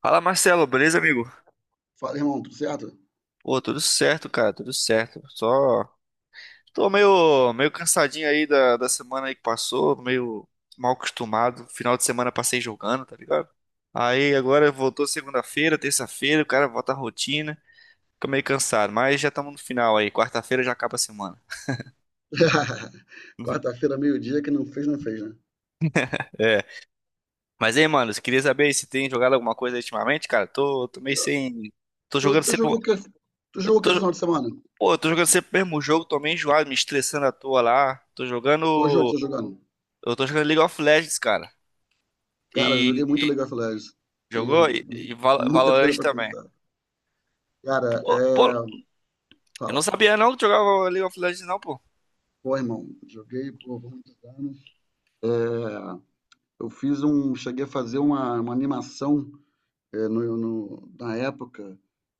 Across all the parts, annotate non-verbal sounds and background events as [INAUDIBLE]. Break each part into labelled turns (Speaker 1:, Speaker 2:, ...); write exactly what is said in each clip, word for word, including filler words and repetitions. Speaker 1: Fala, Marcelo, beleza, amigo?
Speaker 2: Fala, irmão, tudo certo?
Speaker 1: Pô, tudo certo, cara, tudo certo. Só tô meio, meio cansadinho aí da, da semana aí que passou, meio mal acostumado. Final de semana passei jogando, tá ligado? Aí agora voltou segunda-feira, terça-feira, o cara volta à rotina. Fica meio cansado, mas já estamos no final aí. Quarta-feira já acaba a semana.
Speaker 2: [LAUGHS]
Speaker 1: [LAUGHS]
Speaker 2: Quarta-feira, meio-dia, que não fez, não fez, né?
Speaker 1: É. Mas aí, mano, eu queria saber aí se tem jogado alguma coisa ultimamente, cara. Tô, tô meio sem. Tô
Speaker 2: Tu,
Speaker 1: jogando
Speaker 2: tu
Speaker 1: sempre.
Speaker 2: jogou o que? Tu
Speaker 1: Eu
Speaker 2: jogou o que esse
Speaker 1: tô.
Speaker 2: final de semana?
Speaker 1: Pô, eu tô jogando sempre o mesmo jogo, tô meio enjoado, me estressando à toa lá. Tô
Speaker 2: Qual jogo
Speaker 1: jogando.
Speaker 2: você tá jogando?
Speaker 1: Eu tô jogando League of Legends, cara.
Speaker 2: Cara, eu joguei
Speaker 1: E,
Speaker 2: muito League
Speaker 1: e-
Speaker 2: of Legends.
Speaker 1: jogou?
Speaker 2: Tenho
Speaker 1: E, e Val-
Speaker 2: muita coisa
Speaker 1: Valorant
Speaker 2: pra
Speaker 1: também.
Speaker 2: contar. Cara,
Speaker 1: Pô, pô,
Speaker 2: é.
Speaker 1: eu não
Speaker 2: Fala.
Speaker 1: sabia não que jogava League of Legends, não, pô.
Speaker 2: Pô, irmão, joguei por muitos anos. É, eu fiz um. Cheguei a fazer uma, uma animação é, no, no- na época.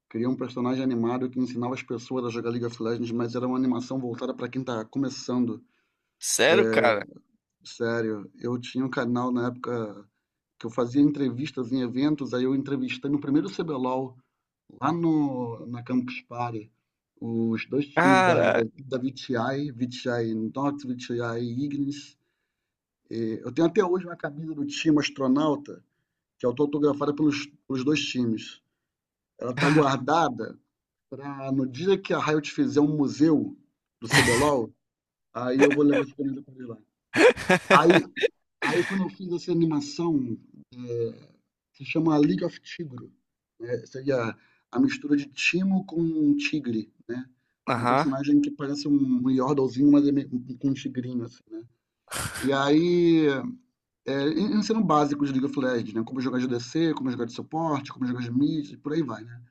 Speaker 2: Criei um personagem animado que ensinava as pessoas a jogar League of Legends, mas era uma animação voltada pra quem tá começando.
Speaker 1: Sério, cara?
Speaker 2: Sério, eu tinha um canal na época que eu fazia entrevistas em eventos, aí eu entrevistei no primeiro cebelol, lá no, na Campus Party, os dois times da, da,
Speaker 1: Caraca.
Speaker 2: da V T I, V T I Nox, V T I Ignis. Eu tenho até hoje uma camisa do time Astronauta, que é autografada pelos, pelos dois times. Ela tá guardada para no dia que a Riot fizer um museu do cebelol, aí eu vou levar essa camisa para eles lá. Aí, aí quando eu fiz essa animação, se chama League of Tigro, né? Seria a mistura de Timo com Tigre, né? É um
Speaker 1: Aham.
Speaker 2: personagem que parece um um Yordlezinho, mas é meio, um- com um tigrinho, assim, né? E aí, é, en- ensinam básicos de League of Legends, né? Como jogar de A D C, como jogar de suporte, como jogar de mid, e por aí vai, né?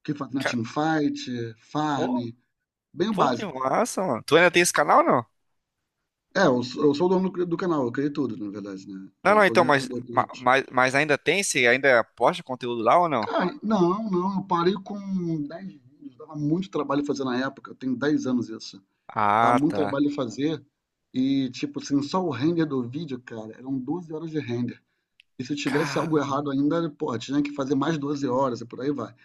Speaker 2: O que faz na
Speaker 1: Ca-
Speaker 2: teamfight, farm,
Speaker 1: Pô,
Speaker 2: bem o
Speaker 1: pô, que
Speaker 2: básico.
Speaker 1: massa, mano. Tu ainda tem esse canal, ou não?
Speaker 2: É, eu sou, eu sou o dono do, do canal, eu criei tudo, na verdade, né?
Speaker 1: Não,
Speaker 2: Eu
Speaker 1: não,
Speaker 2: sou o
Speaker 1: então,
Speaker 2: diretor
Speaker 1: mas,
Speaker 2: do
Speaker 1: ma-
Speaker 2: Twitch.
Speaker 1: mas, mas ainda tem? Você ainda posta conteúdo lá ou não?
Speaker 2: Cara, não, não, eu parei com dez vídeos, dava muito trabalho fazer na época, eu Tenho dez anos isso. Dava
Speaker 1: Ah,
Speaker 2: muito
Speaker 1: tá.
Speaker 2: trabalho fazer e, tipo assim, só o render do vídeo, cara, eram doze horas de render. E se tivesse algo
Speaker 1: Cara,
Speaker 2: errado ainda, pô, tinha que fazer mais doze horas e por aí vai.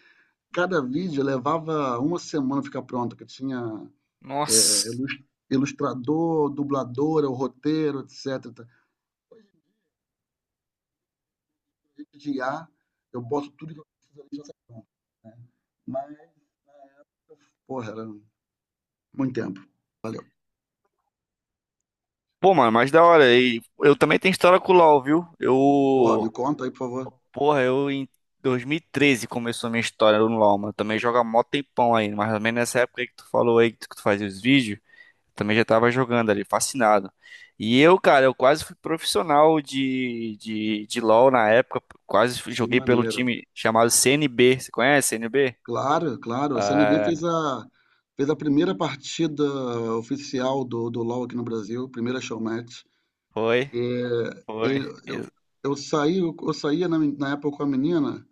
Speaker 2: Cada vídeo levava uma semana ficar pronto, que tinha é,
Speaker 1: nossa.
Speaker 2: ilus- ilustrador, dubladora, o roteiro, etcétera. De I A, eu boto tudo que eu preciso ali e já sai pronto. Mas, porra, era muito tempo.
Speaker 1: Pô, mano, mas da hora. E eu também tenho história com o LoL, viu?
Speaker 2: Porra, me
Speaker 1: Eu.
Speaker 2: conta aí, por favor.
Speaker 1: Porra, eu em dois mil e treze começou a minha história no LoL, mano. Também joga mó tempão aí. Mas também nessa época aí que tu falou aí que tu fazia os vídeos, também já tava jogando ali, fascinado. E eu, cara, eu quase fui profissional de, de, de LoL na época. Quase fui-
Speaker 2: Que
Speaker 1: joguei pelo
Speaker 2: maneiro.
Speaker 1: time chamado C N B. Você conhece C N B?
Speaker 2: Claro, claro. O C N B
Speaker 1: Ah,
Speaker 2: fez a, fez a primeira partida oficial do, do LoL aqui no Brasil, primeira showmatch.
Speaker 1: foi,
Speaker 2: E,
Speaker 1: foi.
Speaker 2: ele- eu,
Speaker 1: Ex-
Speaker 2: eu saí, eu, eu saía na, na época com a menina,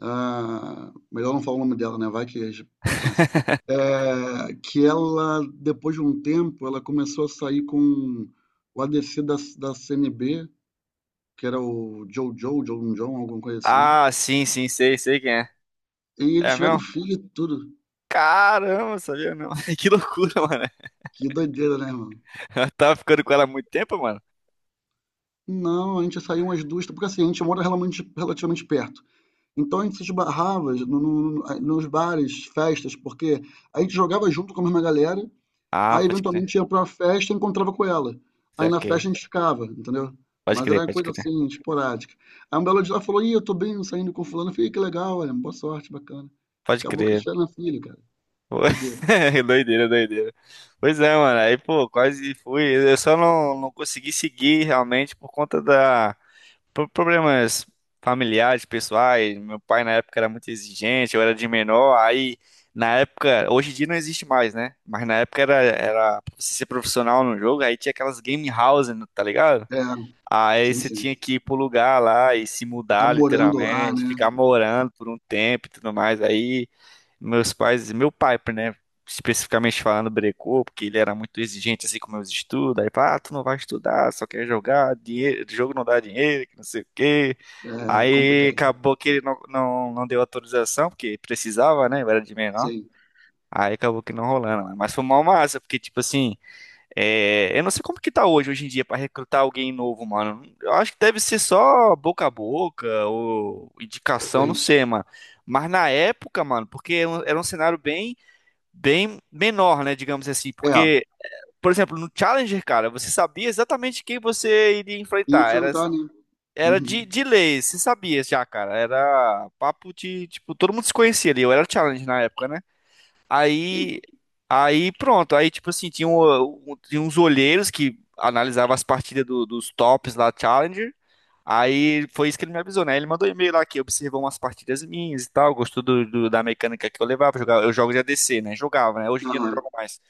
Speaker 2: ah, melhor não falar o nome dela, né? Vai que a gente conhece. É, que ela, depois de um tempo, ela começou a sair com o a ADC da, da C N B, que era o Jojo, John John, alguma coisa assim.
Speaker 1: Ah, sim, sim, sei, sei quem é.
Speaker 2: E eles
Speaker 1: É
Speaker 2: tiveram um
Speaker 1: mesmo?
Speaker 2: filho e tudo.
Speaker 1: Caramba, sabia não. [LAUGHS] Que loucura, mano.
Speaker 2: Que doideira, né, mano?
Speaker 1: Eu tava ficando com ela há muito tempo, mano.
Speaker 2: Não, a gente saiu umas duas, porque assim, a gente mora relativamente, relativamente perto. Então a gente se esbarrava no- no- no- nos bares, festas, porque a gente jogava junto com a mesma galera,
Speaker 1: Ah,
Speaker 2: aí
Speaker 1: pode crer.
Speaker 2: eventualmente ia pra uma festa e encontrava com ela.
Speaker 1: Isso
Speaker 2: Aí
Speaker 1: é
Speaker 2: na
Speaker 1: ok.
Speaker 2: festa a gente ficava, entendeu?
Speaker 1: Pode
Speaker 2: Mas era
Speaker 1: crer,
Speaker 2: uma
Speaker 1: pode
Speaker 2: coisa
Speaker 1: crer.
Speaker 2: assim, esporádica. Aí um belo dia ela falou, ih, eu tô bem saindo com fulano. Eu falei, que legal, olha, boa sorte, bacana.
Speaker 1: Pode
Speaker 2: Acabou que eles
Speaker 1: crer.
Speaker 2: tiveram filho, cara.
Speaker 1: Pô,
Speaker 2: Doideira.
Speaker 1: [LAUGHS] doideira, doideira. Pois é, mano. Aí, pô, quase fui. Eu só não, não consegui seguir realmente por conta da por problemas familiares, pessoais. Meu pai na época era muito exigente, eu era de menor. Aí, na época, hoje em dia não existe mais, né? Mas na época era, era pra você ser profissional no jogo, aí tinha aquelas game houses, tá ligado?
Speaker 2: É,
Speaker 1: Aí
Speaker 2: sim,
Speaker 1: você
Speaker 2: sim.
Speaker 1: tinha que ir pro lugar lá e se
Speaker 2: Ficar
Speaker 1: mudar,
Speaker 2: morando lá,
Speaker 1: literalmente,
Speaker 2: né?
Speaker 1: ficar morando por um tempo e tudo mais. Aí meus pais, meu pai, né, especificamente falando, brecou, porque ele era muito exigente assim com meus estudos. Aí, ah, tu não vai estudar, só quer jogar, dinheiro, jogo não dá dinheiro, que não sei o quê.
Speaker 2: É
Speaker 1: Aí
Speaker 2: complicado.
Speaker 1: acabou que ele não, não, não deu autorização, porque precisava, né? Eu era de menor.
Speaker 2: Sim,
Speaker 1: Aí acabou que não rolando, né? Mas foi mó massa, porque tipo assim. É, eu não sei como que tá hoje, hoje em dia, pra recrutar alguém novo, mano. Eu acho que deve ser só boca a boca ou indicação, não
Speaker 2: talvez.
Speaker 1: sei, mano. Mas na época, mano, porque era um era um cenário bem, bem menor, né, digamos assim.
Speaker 2: É,
Speaker 1: Porque, por exemplo, no Challenger, cara, você sabia exatamente quem você iria
Speaker 2: e
Speaker 1: enfrentar. Era,
Speaker 2: enfrentar, né?
Speaker 1: era de,
Speaker 2: Uhum.
Speaker 1: de lei, você sabia já, cara. Era papo de, tipo, todo mundo se conhecia ali. Eu era Challenger na época, né? Aí, aí pronto. Aí, tipo assim, tinha, um- um- tinha uns olheiros que analisavam as partidas do- dos tops lá, Challenger. Aí foi isso que ele me avisou, né? Ele mandou e-mail lá que observou umas partidas minhas e tal, gostou do, do- da mecânica que eu levava. Jogava, eu jogo de A D C, né? Jogava, né? Hoje em dia eu não
Speaker 2: Aham.
Speaker 1: jogo mais.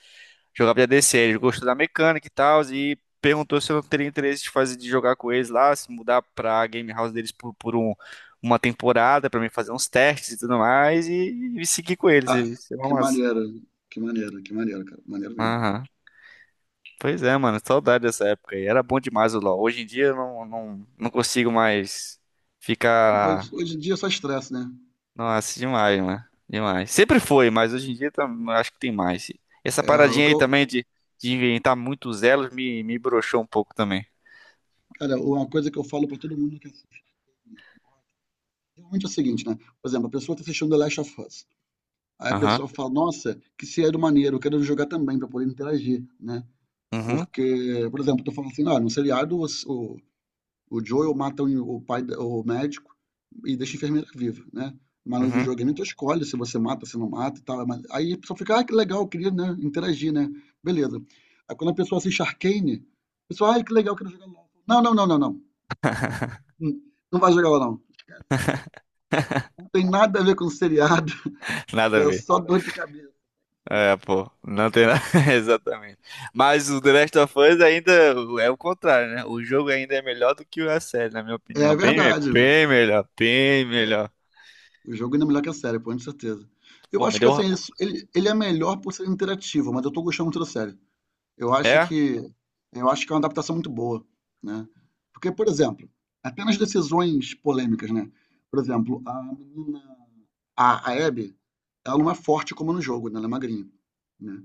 Speaker 1: Jogava de A D C, ele gostou da mecânica e tal, e perguntou se eu não teria interesse de fazer de jogar com eles lá, se mudar pra game house deles por, por um- uma temporada, pra mim fazer uns testes e tudo mais, e, e seguir com eles.
Speaker 2: Ah,
Speaker 1: Isso é
Speaker 2: que
Speaker 1: uma massa.
Speaker 2: maneira, que maneira, que maneira, cara. Maneiro mesmo.
Speaker 1: Aham. Pois é, mano, saudade dessa época aí. Era bom demais o LoL. Hoje em dia eu não, não, não consigo mais
Speaker 2: Hoje,
Speaker 1: ficar.
Speaker 2: hoje em dia é só estresse, né?
Speaker 1: Nossa, demais, mano. Demais. Sempre foi, mas hoje em dia tá- acho que tem mais. Essa
Speaker 2: É, o
Speaker 1: paradinha
Speaker 2: que
Speaker 1: aí
Speaker 2: eu,
Speaker 1: também de, de inventar muitos elos me, me broxou um pouco também.
Speaker 2: cara, uma coisa que eu falo pra todo mundo que assiste, realmente é o seguinte, né? Por exemplo, a pessoa tá assistindo The Last of Us. Aí a
Speaker 1: Aham.
Speaker 2: pessoa fala, nossa, que seriado maneiro, eu quero jogar também pra poder interagir, né?
Speaker 1: Uhum.
Speaker 2: Porque, por exemplo, tô falando assim, ah, no seriado o, O Joel mata o, o pai, o médico, e deixa a enfermeira viva, né? Mas no
Speaker 1: Uhum.
Speaker 2: videogame tu escolhe se você mata, se não mata e tal. Mas aí a pessoa fica, ah, que legal, eu queria, né, interagir, né? Beleza. Aí quando a pessoa assiste Arcane, a pessoa, ah, que legal, eu quero jogar LOL. Não, não, não, não, não. Hum, não vai jogar lá, não. Não tem nada a ver com o seriado. [LAUGHS]
Speaker 1: Nada a
Speaker 2: É
Speaker 1: ver.
Speaker 2: só dor de cabeça.
Speaker 1: É, pô, não tem nada. [LAUGHS] Exatamente. Mas o The Last of Us ainda é o contrário, né? O jogo ainda é melhor do que a série, na minha opinião.
Speaker 2: É
Speaker 1: Bem, me-
Speaker 2: verdade.
Speaker 1: bem melhor, bem melhor.
Speaker 2: O jogo ainda é melhor que a série, pô, com certeza. Eu
Speaker 1: Pô, me
Speaker 2: acho que
Speaker 1: deu.
Speaker 2: assim,
Speaker 1: ra-
Speaker 2: ele, ele ele é melhor por ser interativo, mas eu tô gostando muito da série. Eu acho
Speaker 1: É?
Speaker 2: que eu acho que é uma adaptação muito boa, né? Porque, por exemplo, apenas decisões polêmicas, né? Por exemplo, a menina, a, a Abby, ela não é forte como é no jogo, né? Ela é magrinha, né?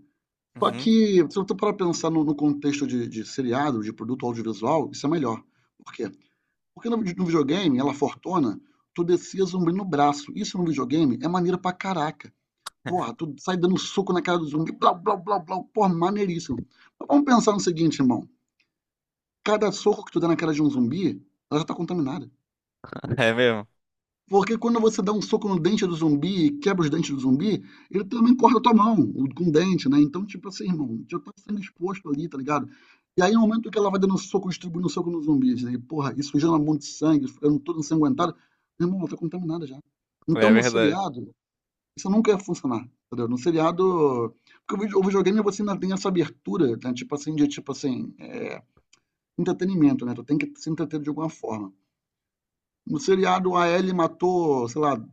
Speaker 2: Só
Speaker 1: Uhum.
Speaker 2: que, se eu tô para pensar no, no contexto de, de seriado, de produto audiovisual, isso é melhor. Por quê? Porque no, no videogame, ela fortona, tu descia zumbi no braço. Isso no videogame é maneiro pra caraca. Porra, tu sai dando soco na cara do zumbi, blá, blá, blá, blá, porra, maneiríssimo. Mas vamos pensar no seguinte, irmão. Cada soco que tu dá na cara de um zumbi, ela já tá contaminada.
Speaker 1: [LAUGHS] É mesmo.
Speaker 2: Porque quando você dá um soco no dente do zumbi e quebra os dentes do zumbi, ele também corta a tua mão com o dente, né? Então, tipo assim, irmão, já tá sendo exposto ali, tá ligado? E aí, no momento que ela vai dando soco, distribuindo soco nos zumbis, né, e porra, isso sujando um monte de sangue, ficando toda ensanguentado, meu irmão, ela tá contaminada já.
Speaker 1: É
Speaker 2: Então, no
Speaker 1: verdade.
Speaker 2: seriado, isso nunca ia funcionar, entendeu? No seriado. Porque o vide- o videogame você ainda tem essa abertura, né? Tipo assim, de tipo assim, é, entretenimento, né? Tu tem que se entreter de alguma forma. No seriado, a Ellie matou, sei lá,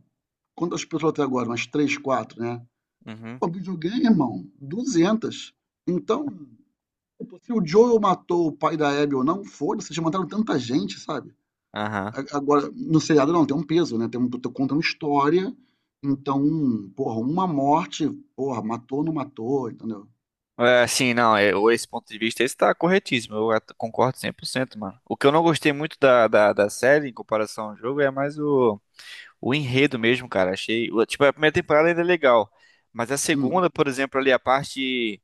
Speaker 2: quantas pessoas até agora? Umas três, quatro, né?
Speaker 1: Uhum.
Speaker 2: Pô, videogame, irmão, duzentas. Então, tipo, se o Joel matou o pai da Abby ou não, foda-se, já mataram tanta gente, sabe?
Speaker 1: Aham.
Speaker 2: A- Agora, no seriado não, tem um peso, né? Tem um, tu conta uma história, então, porra, uma morte, porra, matou ou não matou, entendeu?
Speaker 1: É, sim, não, é, o- esse ponto de vista esse tá corretíssimo, eu at- concordo cem por cento, mano. O que eu não gostei muito da, da, da série em comparação ao jogo é mais o, o enredo mesmo, cara. Achei, o- tipo, a primeira temporada ainda é legal, mas a
Speaker 2: Hum.
Speaker 1: segunda, por exemplo, ali a parte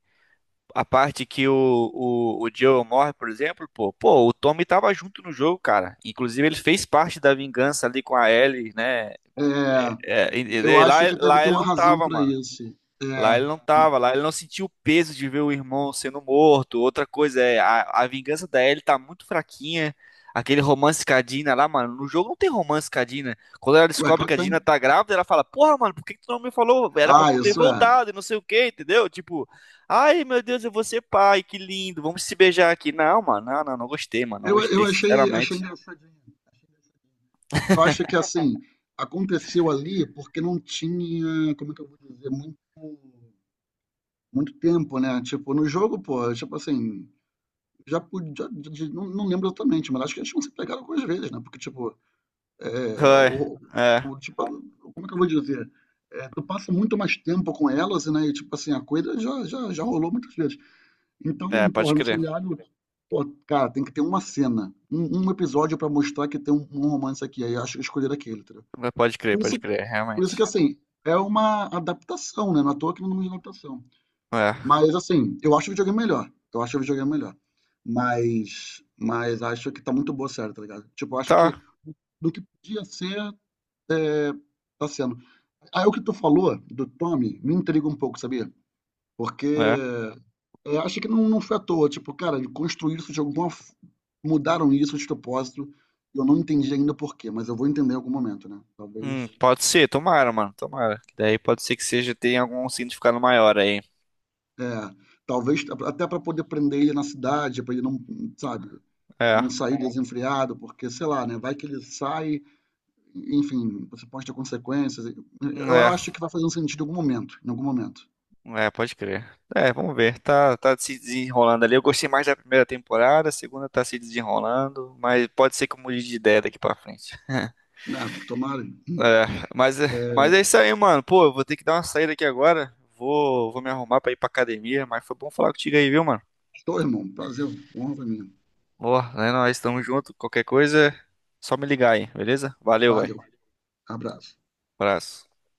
Speaker 1: a parte que o, o, o Joel morre, por exemplo, pô, pô, o Tommy tava junto no jogo, cara. Inclusive ele fez parte da vingança ali com a Ellie, né?
Speaker 2: É,
Speaker 1: É, e-
Speaker 2: eu
Speaker 1: e- lá,
Speaker 2: acho que deve
Speaker 1: lá
Speaker 2: ter
Speaker 1: ele
Speaker 2: uma
Speaker 1: não
Speaker 2: razão
Speaker 1: tava,
Speaker 2: pra
Speaker 1: mano.
Speaker 2: isso.
Speaker 1: Lá
Speaker 2: É,
Speaker 1: ele não tava, lá ele não sentiu o peso de ver o irmão sendo morto. Outra coisa é, a, a vingança da Ellie tá muito fraquinha. Aquele romance com a Dina lá, mano. No jogo não tem romance com a Dina. Quando ela
Speaker 2: ué,
Speaker 1: descobre que
Speaker 2: claro
Speaker 1: a
Speaker 2: que tem.
Speaker 1: Dina tá grávida, ela fala: Porra, mano, por que que tu não me falou? Era pra
Speaker 2: Ah,
Speaker 1: tu ter
Speaker 2: isso é.
Speaker 1: voltado e não sei o que, entendeu? Tipo, ai meu Deus, eu vou ser pai, que lindo, vamos se beijar aqui. Não, mano, não, não, não gostei, mano, não
Speaker 2: Eu,
Speaker 1: gostei,
Speaker 2: eu achei, achei
Speaker 1: sinceramente.
Speaker 2: engraçadinho. achei engraçadinho. Mas Eu acho que assim, aconteceu ali porque não tinha, como é que eu vou dizer, muito, muito tempo, né? Tipo, no jogo, pô, tipo assim, já podia, não, não lembro exatamente, mas acho que eles tinham se pegado algumas vezes, né? Porque, tipo, é,
Speaker 1: Ai,
Speaker 2: o,
Speaker 1: é,
Speaker 2: o, tipo, como é que eu vou dizer? É, tu passa muito mais tempo com elas, né? E, tipo assim, a coisa já, já, já rolou muitas vezes. Então,
Speaker 1: é, pode
Speaker 2: porra, no
Speaker 1: crer.
Speaker 2: seriado, pô, cara, tem que ter uma cena, um, um episódio pra mostrar que tem um, um romance aqui. Aí eu acho que escolher aquele, entendeu?
Speaker 1: Pode crer,
Speaker 2: Por
Speaker 1: pode
Speaker 2: isso,
Speaker 1: crer,
Speaker 2: por isso que,
Speaker 1: realmente.
Speaker 2: assim, é uma adaptação, né? Não é à toa que não é uma adaptação.
Speaker 1: É.
Speaker 2: Mas, assim, eu acho o videogame melhor. Eu acho o videogame melhor. Mas, mas acho que tá muito boa a série, tá ligado? Tipo, eu acho que
Speaker 1: Tá,
Speaker 2: do que podia ser, é, tá sendo. Aí o que tu falou do Tommy me intriga um pouco, sabia? Porque
Speaker 1: é.
Speaker 2: é, acho que não, não foi à toa. Tipo, cara, ele construiu isso de alguma. f- Mudaram isso de propósito. Eu não entendi ainda por quê, mas eu vou entender em algum momento, né? Talvez.
Speaker 1: Hum, pode ser, tomara, mano, tomara. Daí pode ser que seja, tenha algum significado maior aí.
Speaker 2: É, talvez a- até para poder prender ele na cidade, para ele não, sabe,
Speaker 1: É,
Speaker 2: não sair desenfreado, porque sei lá, né? Vai que ele sai, enfim, você pode ter consequências.
Speaker 1: hum,
Speaker 2: Eu
Speaker 1: é,
Speaker 2: acho que vai fazer um sentido em algum momento, em algum momento.
Speaker 1: é, pode crer. É, vamos ver, tá, tá se desenrolando ali. Eu gostei mais da primeira temporada, a segunda tá se desenrolando, mas pode ser que eu mude de ideia daqui pra frente.
Speaker 2: Né? Tomara.
Speaker 1: É, mas, é- mas é isso aí, mano. Pô, eu vou ter que dar uma saída aqui agora. Vou, vou me arrumar pra ir pra academia, mas foi bom falar contigo aí, viu, mano?
Speaker 2: Estou, irmão. Prazer, honra pra mim.
Speaker 1: Boa, né? Nós estamos juntos. Qualquer coisa, só me ligar aí, beleza? Valeu, vai.
Speaker 2: Valeu. Abraço.
Speaker 1: Abraço.